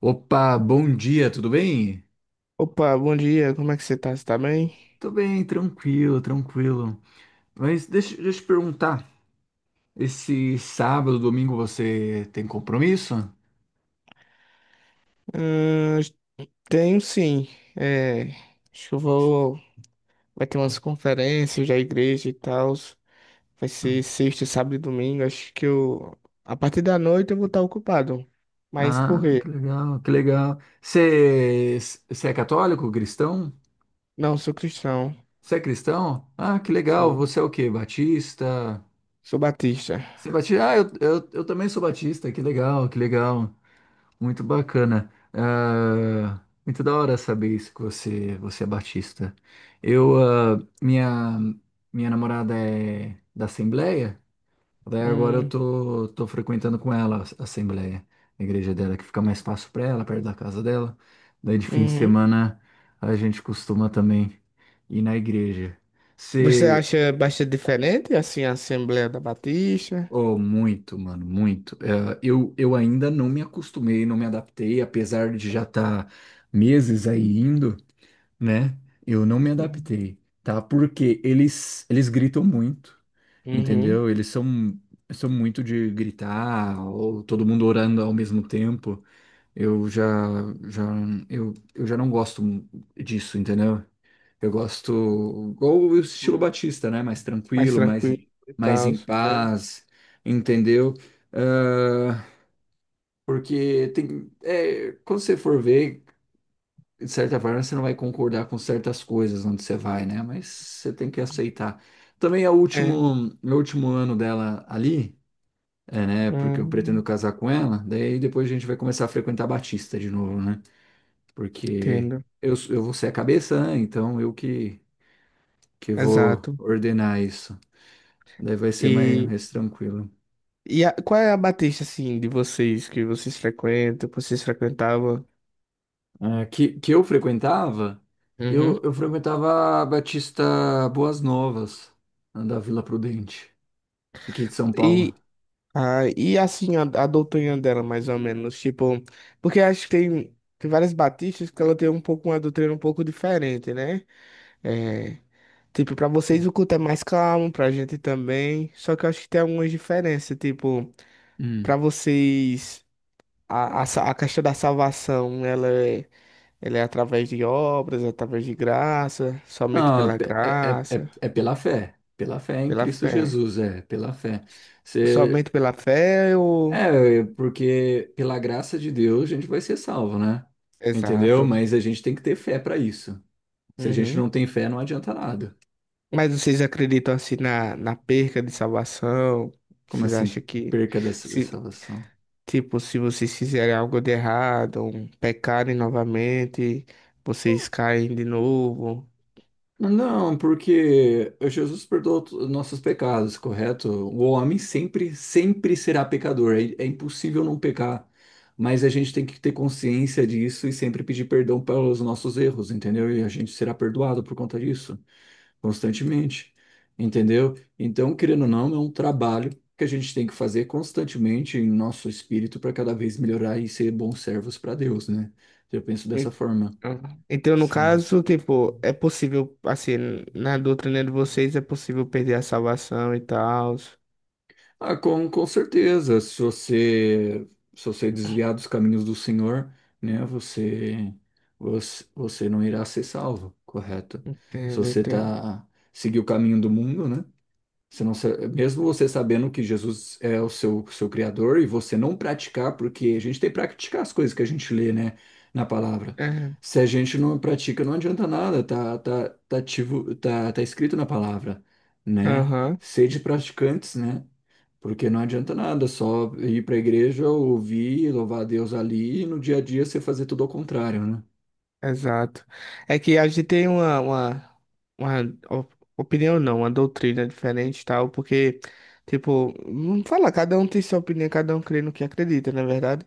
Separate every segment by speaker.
Speaker 1: Opa, bom dia, tudo bem?
Speaker 2: Opa, bom dia, como é que você tá? Você tá bem?
Speaker 1: Tô bem, tranquilo, tranquilo. Mas deixa eu te perguntar, esse sábado, domingo você tem compromisso?
Speaker 2: Ahn, tenho sim. É, acho que eu vou. Vai ter umas conferências da igreja e tal. Vai ser sexta, sábado e domingo. Acho que eu. A partir da noite eu vou estar ocupado. Mas por
Speaker 1: Ah, que
Speaker 2: quê?
Speaker 1: legal, que legal. Você é católico, cristão?
Speaker 2: Não, sou cristão.
Speaker 1: Você é cristão? Ah, que legal,
Speaker 2: Sou,
Speaker 1: você é o quê? Batista?
Speaker 2: sou batista.
Speaker 1: Você é batista? Ah, eu também sou batista, que legal, que legal. Muito bacana. Ah, muito da hora saber isso que você é batista. Eu, ah, minha, Minha namorada é da Assembleia, daí agora eu
Speaker 2: Hum,
Speaker 1: tô, tô frequentando com ela a Assembleia, a igreja dela, que fica mais fácil para ela, perto da casa dela. Daí de fim de
Speaker 2: uhum.
Speaker 1: semana a gente costuma também ir na igreja.
Speaker 2: Você acha bastante diferente, assim, a Assembleia da Batista?
Speaker 1: Oh, muito, mano, muito. Eu ainda não me acostumei, não me adaptei, apesar de já estar meses aí indo, né? Eu não me
Speaker 2: Hum,
Speaker 1: adaptei, tá? Porque eles gritam muito,
Speaker 2: Uhum.
Speaker 1: entendeu? Eles são muito de gritar, ou todo mundo orando ao mesmo tempo. Eu já, já, eu já não gosto disso, entendeu? Eu gosto, ou o estilo
Speaker 2: Hum,
Speaker 1: Batista, né?
Speaker 2: mais tranquilo e
Speaker 1: Mais
Speaker 2: tal.
Speaker 1: em paz, entendeu? Ah, porque tem, é, quando você for ver, de certa forma, você não vai concordar com certas coisas onde você vai, né? Mas você tem que aceitar. Também
Speaker 2: É. É.
Speaker 1: é o último ano dela ali, é, né? Porque eu
Speaker 2: Hum.
Speaker 1: pretendo casar com ela, daí depois a gente vai começar a frequentar Batista de novo, né? Porque
Speaker 2: Entendo,
Speaker 1: eu, eu vou ser a cabeça, né? Então eu que. Que eu vou
Speaker 2: exato.
Speaker 1: ordenar isso. Daí vai ser mais,
Speaker 2: E,
Speaker 1: mais tranquilo.
Speaker 2: Qual é a Batista, assim, de vocês, que vocês frequentam, que vocês frequentavam?
Speaker 1: Ah, que
Speaker 2: Uhum.
Speaker 1: eu frequentava a Batista Boas Novas, da Vila Prudente, aqui de São Paulo.
Speaker 2: E, e assim, a doutrina dela, mais ou menos, tipo, porque acho que tem, tem várias batistas que ela tem um pouco, uma doutrina um pouco diferente, né? É, tipo, pra vocês o culto é mais calmo, pra gente também, só que eu acho que tem algumas diferenças, tipo,
Speaker 1: Hum.
Speaker 2: pra vocês, a questão da salvação, ela é. Ele é através de obras, através de graça, somente
Speaker 1: Ah,
Speaker 2: pela
Speaker 1: pe- é,
Speaker 2: graça,
Speaker 1: é pela fé em
Speaker 2: pela
Speaker 1: Cristo
Speaker 2: fé.
Speaker 1: Jesus, é, pela fé. Você,
Speaker 2: Somente pela fé ou...
Speaker 1: é, porque pela graça de Deus a gente vai ser salvo, né? Entendeu?
Speaker 2: Exato.
Speaker 1: Mas a gente tem que ter fé para isso. Se a gente
Speaker 2: Uhum.
Speaker 1: não tem fé, não adianta nada.
Speaker 2: Mas vocês acreditam assim na perca de salvação?
Speaker 1: Como
Speaker 2: Vocês
Speaker 1: assim,
Speaker 2: acham que,
Speaker 1: perca da
Speaker 2: se,
Speaker 1: salvação?
Speaker 2: tipo, se vocês fizerem algo de errado, um, pecarem novamente, vocês caem de novo?
Speaker 1: Não, porque Jesus perdoou to- nossos pecados, correto? O homem sempre, sempre será pecador. É, é impossível não pecar. Mas a gente tem que ter consciência disso e sempre pedir perdão pelos nossos erros, entendeu? E a gente será perdoado por conta disso, constantemente, entendeu? Então, querendo ou não, é um trabalho que a gente tem que fazer constantemente em nosso espírito para cada vez melhorar e ser bons servos para Deus, né? Eu penso dessa
Speaker 2: E-
Speaker 1: forma.
Speaker 2: Então, no caso, tipo, é possível, assim, na doutrina de vocês é possível perder a salvação e tal.
Speaker 1: Ah, com certeza. Se você desviar dos caminhos do Senhor, né, você não irá ser salvo, correto? Se
Speaker 2: Entendo,
Speaker 1: você
Speaker 2: entendo.
Speaker 1: tá, seguir o caminho do mundo, né? Você não, sa- mesmo você sabendo que Jesus é o seu, seu criador e você não praticar, porque a gente tem que praticar as coisas que a gente lê, né, na palavra.
Speaker 2: É,
Speaker 1: Se a gente não pratica, não adianta nada, ativo, tá escrito na palavra, né?
Speaker 2: aham,
Speaker 1: Sede praticantes, né? Porque não adianta nada só ir para a igreja, ouvir, louvar a Deus ali e no dia a dia você fazer tudo ao contrário, né?
Speaker 2: exato. É que a gente tem uma opinião, não, uma doutrina diferente e tal, porque, tipo, não fala, cada um tem sua opinião, cada um crê no que acredita, não é verdade?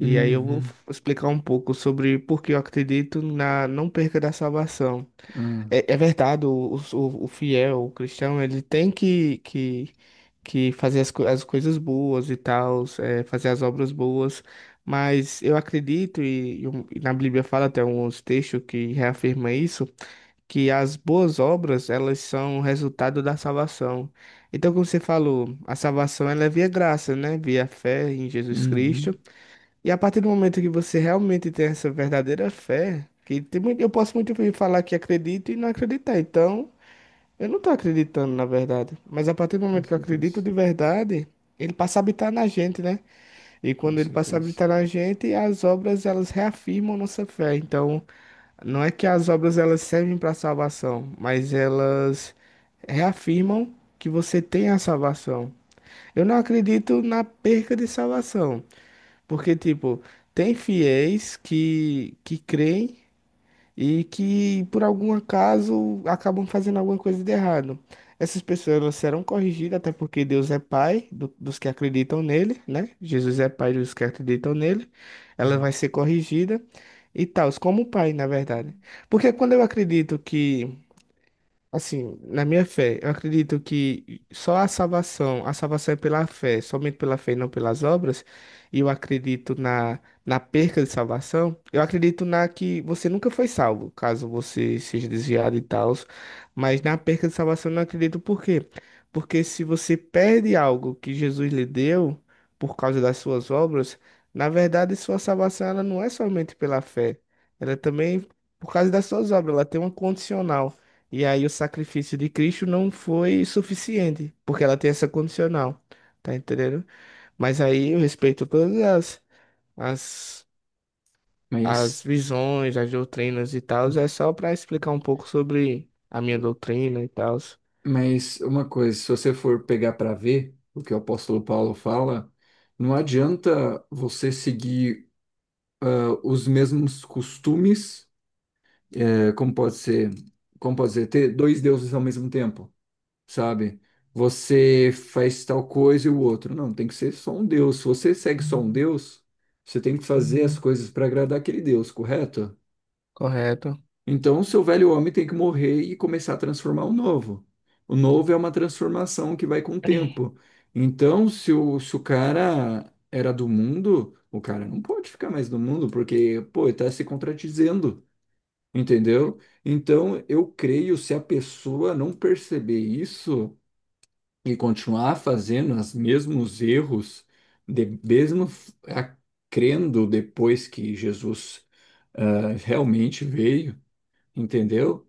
Speaker 2: E aí eu vou
Speaker 1: Uhum.
Speaker 2: explicar um pouco sobre por que eu acredito na não perca da salvação.
Speaker 1: ah,
Speaker 2: É, é verdade, o fiel, o cristão, ele tem que fazer as coisas boas e tal, é, fazer as obras boas, mas eu acredito, e na Bíblia fala até uns textos que reafirma isso, que as boas obras, elas são resultado da salvação. Então, como você falou, a salvação ela é via graça, né? Via fé em Jesus Cristo.
Speaker 1: Uhum.
Speaker 2: E a partir do momento que você realmente tem essa verdadeira fé, que tem muito, eu posso muito bem falar que acredito e não acreditar. Então, eu não estou acreditando na verdade. Mas a partir do
Speaker 1: Com
Speaker 2: momento que eu acredito
Speaker 1: certeza.
Speaker 2: de verdade, ele passa a habitar na gente, né? E
Speaker 1: Com
Speaker 2: quando ele passa a
Speaker 1: certeza.
Speaker 2: habitar na gente, as obras elas reafirmam nossa fé. Então, não é que as obras elas servem para salvação, mas elas reafirmam que você tem a salvação. Eu não acredito na perca de salvação. Porque, tipo, tem fiéis que creem e que, por algum acaso, acabam fazendo alguma coisa de errado. Essas pessoas elas serão corrigidas, até porque Deus é Pai dos que acreditam nele, né? Jesus é Pai dos que acreditam nele. Ela
Speaker 1: Hum.
Speaker 2: vai ser corrigida e tal, como Pai, na verdade. Porque quando eu acredito que. Assim, na minha fé, eu acredito que só a salvação é pela fé, somente pela fé e não pelas obras. E eu acredito na perca de salvação. Eu acredito na que você nunca foi salvo, caso você seja desviado e tal. Mas na perca de salvação eu não acredito por quê? Porque se você perde algo que Jesus lhe deu por causa das suas obras, na verdade sua salvação ela não é somente pela fé, ela é também por causa das suas obras, ela tem uma condicional. E aí o sacrifício de Cristo não foi suficiente, porque ela tem essa condicional, tá entendendo? Mas aí eu respeito todas as, as
Speaker 1: Mas.
Speaker 2: visões, as doutrinas e tal, é só para explicar um pouco sobre a minha doutrina e tal.
Speaker 1: Mas uma coisa, se você for pegar para ver o que o apóstolo Paulo fala, não adianta você seguir os mesmos costumes, eh, como pode ser, como pode ser, ter dois deuses ao mesmo tempo, sabe? Você faz tal coisa e o outro. Não, tem que ser só um Deus. Se você segue só um Deus, você tem que fazer as coisas para agradar aquele Deus, correto?
Speaker 2: Correto?
Speaker 1: Então, o seu velho homem tem que morrer e começar a transformar o novo. O novo é uma transformação que vai com o tempo. Então, se o cara era do mundo, o cara não pode ficar mais no mundo, porque, pô, ele tá se contradizendo, entendeu? Então, eu creio, se a pessoa não perceber isso e continuar fazendo os mesmos erros, de, mesmo f- a- crendo depois que Jesus realmente veio, entendeu?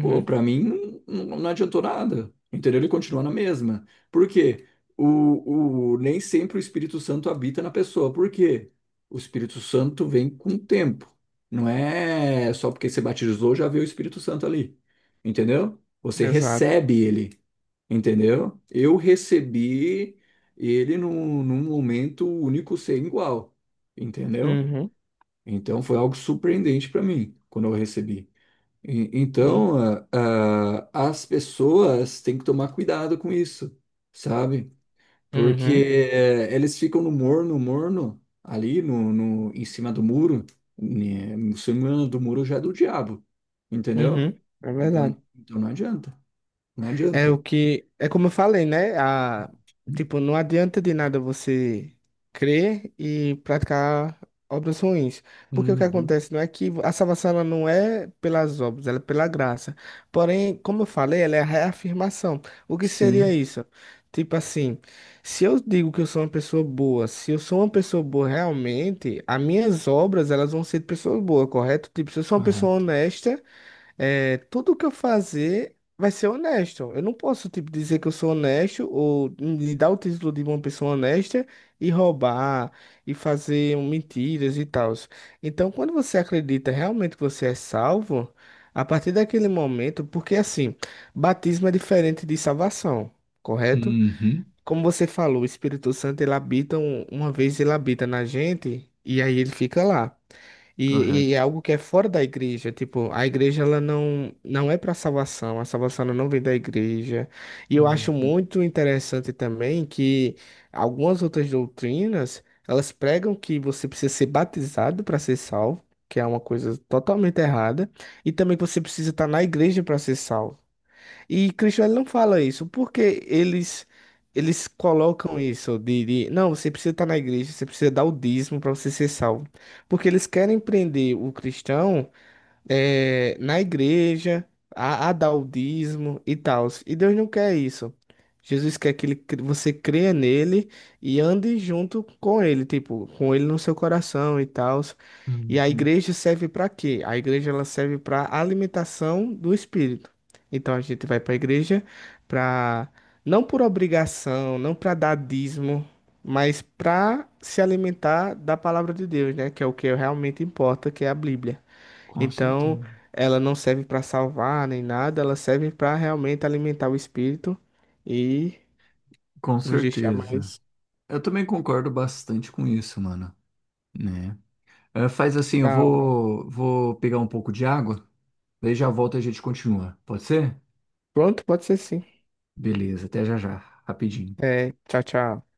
Speaker 1: Pô, pra mim não adiantou nada, entendeu? Ele continua na mesma. Por quê? Nem sempre o Espírito Santo habita na pessoa. Por quê? O Espírito Santo vem com o tempo. Não é só porque você batizou já veio o Espírito Santo ali, entendeu? Você
Speaker 2: exato.
Speaker 1: recebe ele, entendeu? Eu recebi ele num momento único sem igual, entendeu?
Speaker 2: Uhum,
Speaker 1: Então foi algo surpreendente pra mim quando eu recebi.
Speaker 2: uhum,
Speaker 1: Então, as pessoas têm que tomar cuidado com isso, sabe? Porque
Speaker 2: uhum,
Speaker 1: eles ficam no morno, morno, ali no, no, em cima do muro, né? Em cima do muro já é do diabo, entendeu?
Speaker 2: uhum, é
Speaker 1: Então,
Speaker 2: verdade.
Speaker 1: não
Speaker 2: É
Speaker 1: adianta.
Speaker 2: o que. É como eu falei, né? A, tipo, não adianta de nada você crer e praticar obras ruins. Porque o que
Speaker 1: Uhum.
Speaker 2: acontece não é que a salvação ela não é pelas obras, ela é pela graça. Porém, como eu falei, ela é a reafirmação. O que seria
Speaker 1: Sim,
Speaker 2: isso? Tipo assim, se eu digo que eu sou uma pessoa boa, se eu sou uma pessoa boa realmente, as minhas obras elas vão ser de pessoas boas, correto? Tipo, se eu sou uma pessoa
Speaker 1: correto.
Speaker 2: honesta. É, tudo que eu fazer vai ser honesto. Eu não posso, tipo, dizer que eu sou honesto ou me dar o título de uma pessoa honesta e roubar e fazer mentiras e tal. Então, quando você acredita realmente que você é salvo, a partir daquele momento, porque assim, batismo é diferente de salvação, correto?
Speaker 1: Uhum.
Speaker 2: Como você falou, o Espírito Santo ele habita uma vez ele habita na gente e aí ele fica lá. E
Speaker 1: Correto.
Speaker 2: é algo que é fora da igreja, tipo, a igreja ela não, não é para salvação, a salvação ela não vem da igreja. E eu acho
Speaker 1: Uhum.
Speaker 2: muito interessante também que algumas outras doutrinas, elas pregam que você precisa ser batizado para ser salvo, que é uma coisa totalmente errada, e também que você precisa estar na igreja para ser salvo. E Cristo ele não fala isso, porque eles colocam isso não, você precisa estar na igreja, você precisa dar o dízimo para você ser salvo. Porque eles querem prender o cristão é, na igreja, a dar o dízimo e tal. E Deus não quer isso. Jesus quer que ele você creia nele e ande junto com ele, tipo, com ele no seu coração e tal. E a
Speaker 1: Uhum.
Speaker 2: igreja serve para quê? A igreja ela serve para alimentação do espírito. Então a gente vai para a igreja para não por obrigação, não para dar dízimo, mas para se alimentar da palavra de Deus, né? Que é o que realmente importa, que é a Bíblia.
Speaker 1: Com
Speaker 2: Então,
Speaker 1: certeza.
Speaker 2: ela não serve para salvar nem nada, ela serve para realmente alimentar o espírito e
Speaker 1: Com
Speaker 2: nos deixar
Speaker 1: certeza.
Speaker 2: mais
Speaker 1: Eu também concordo bastante com isso, mano, né? Eh, faz assim, eu
Speaker 2: da hora.
Speaker 1: vou, vou pegar um pouco de água, daí já volto e a gente continua. Pode ser?
Speaker 2: Pronto, pode ser sim.
Speaker 1: Beleza, até já já, rapidinho.
Speaker 2: É, tchau, tchau.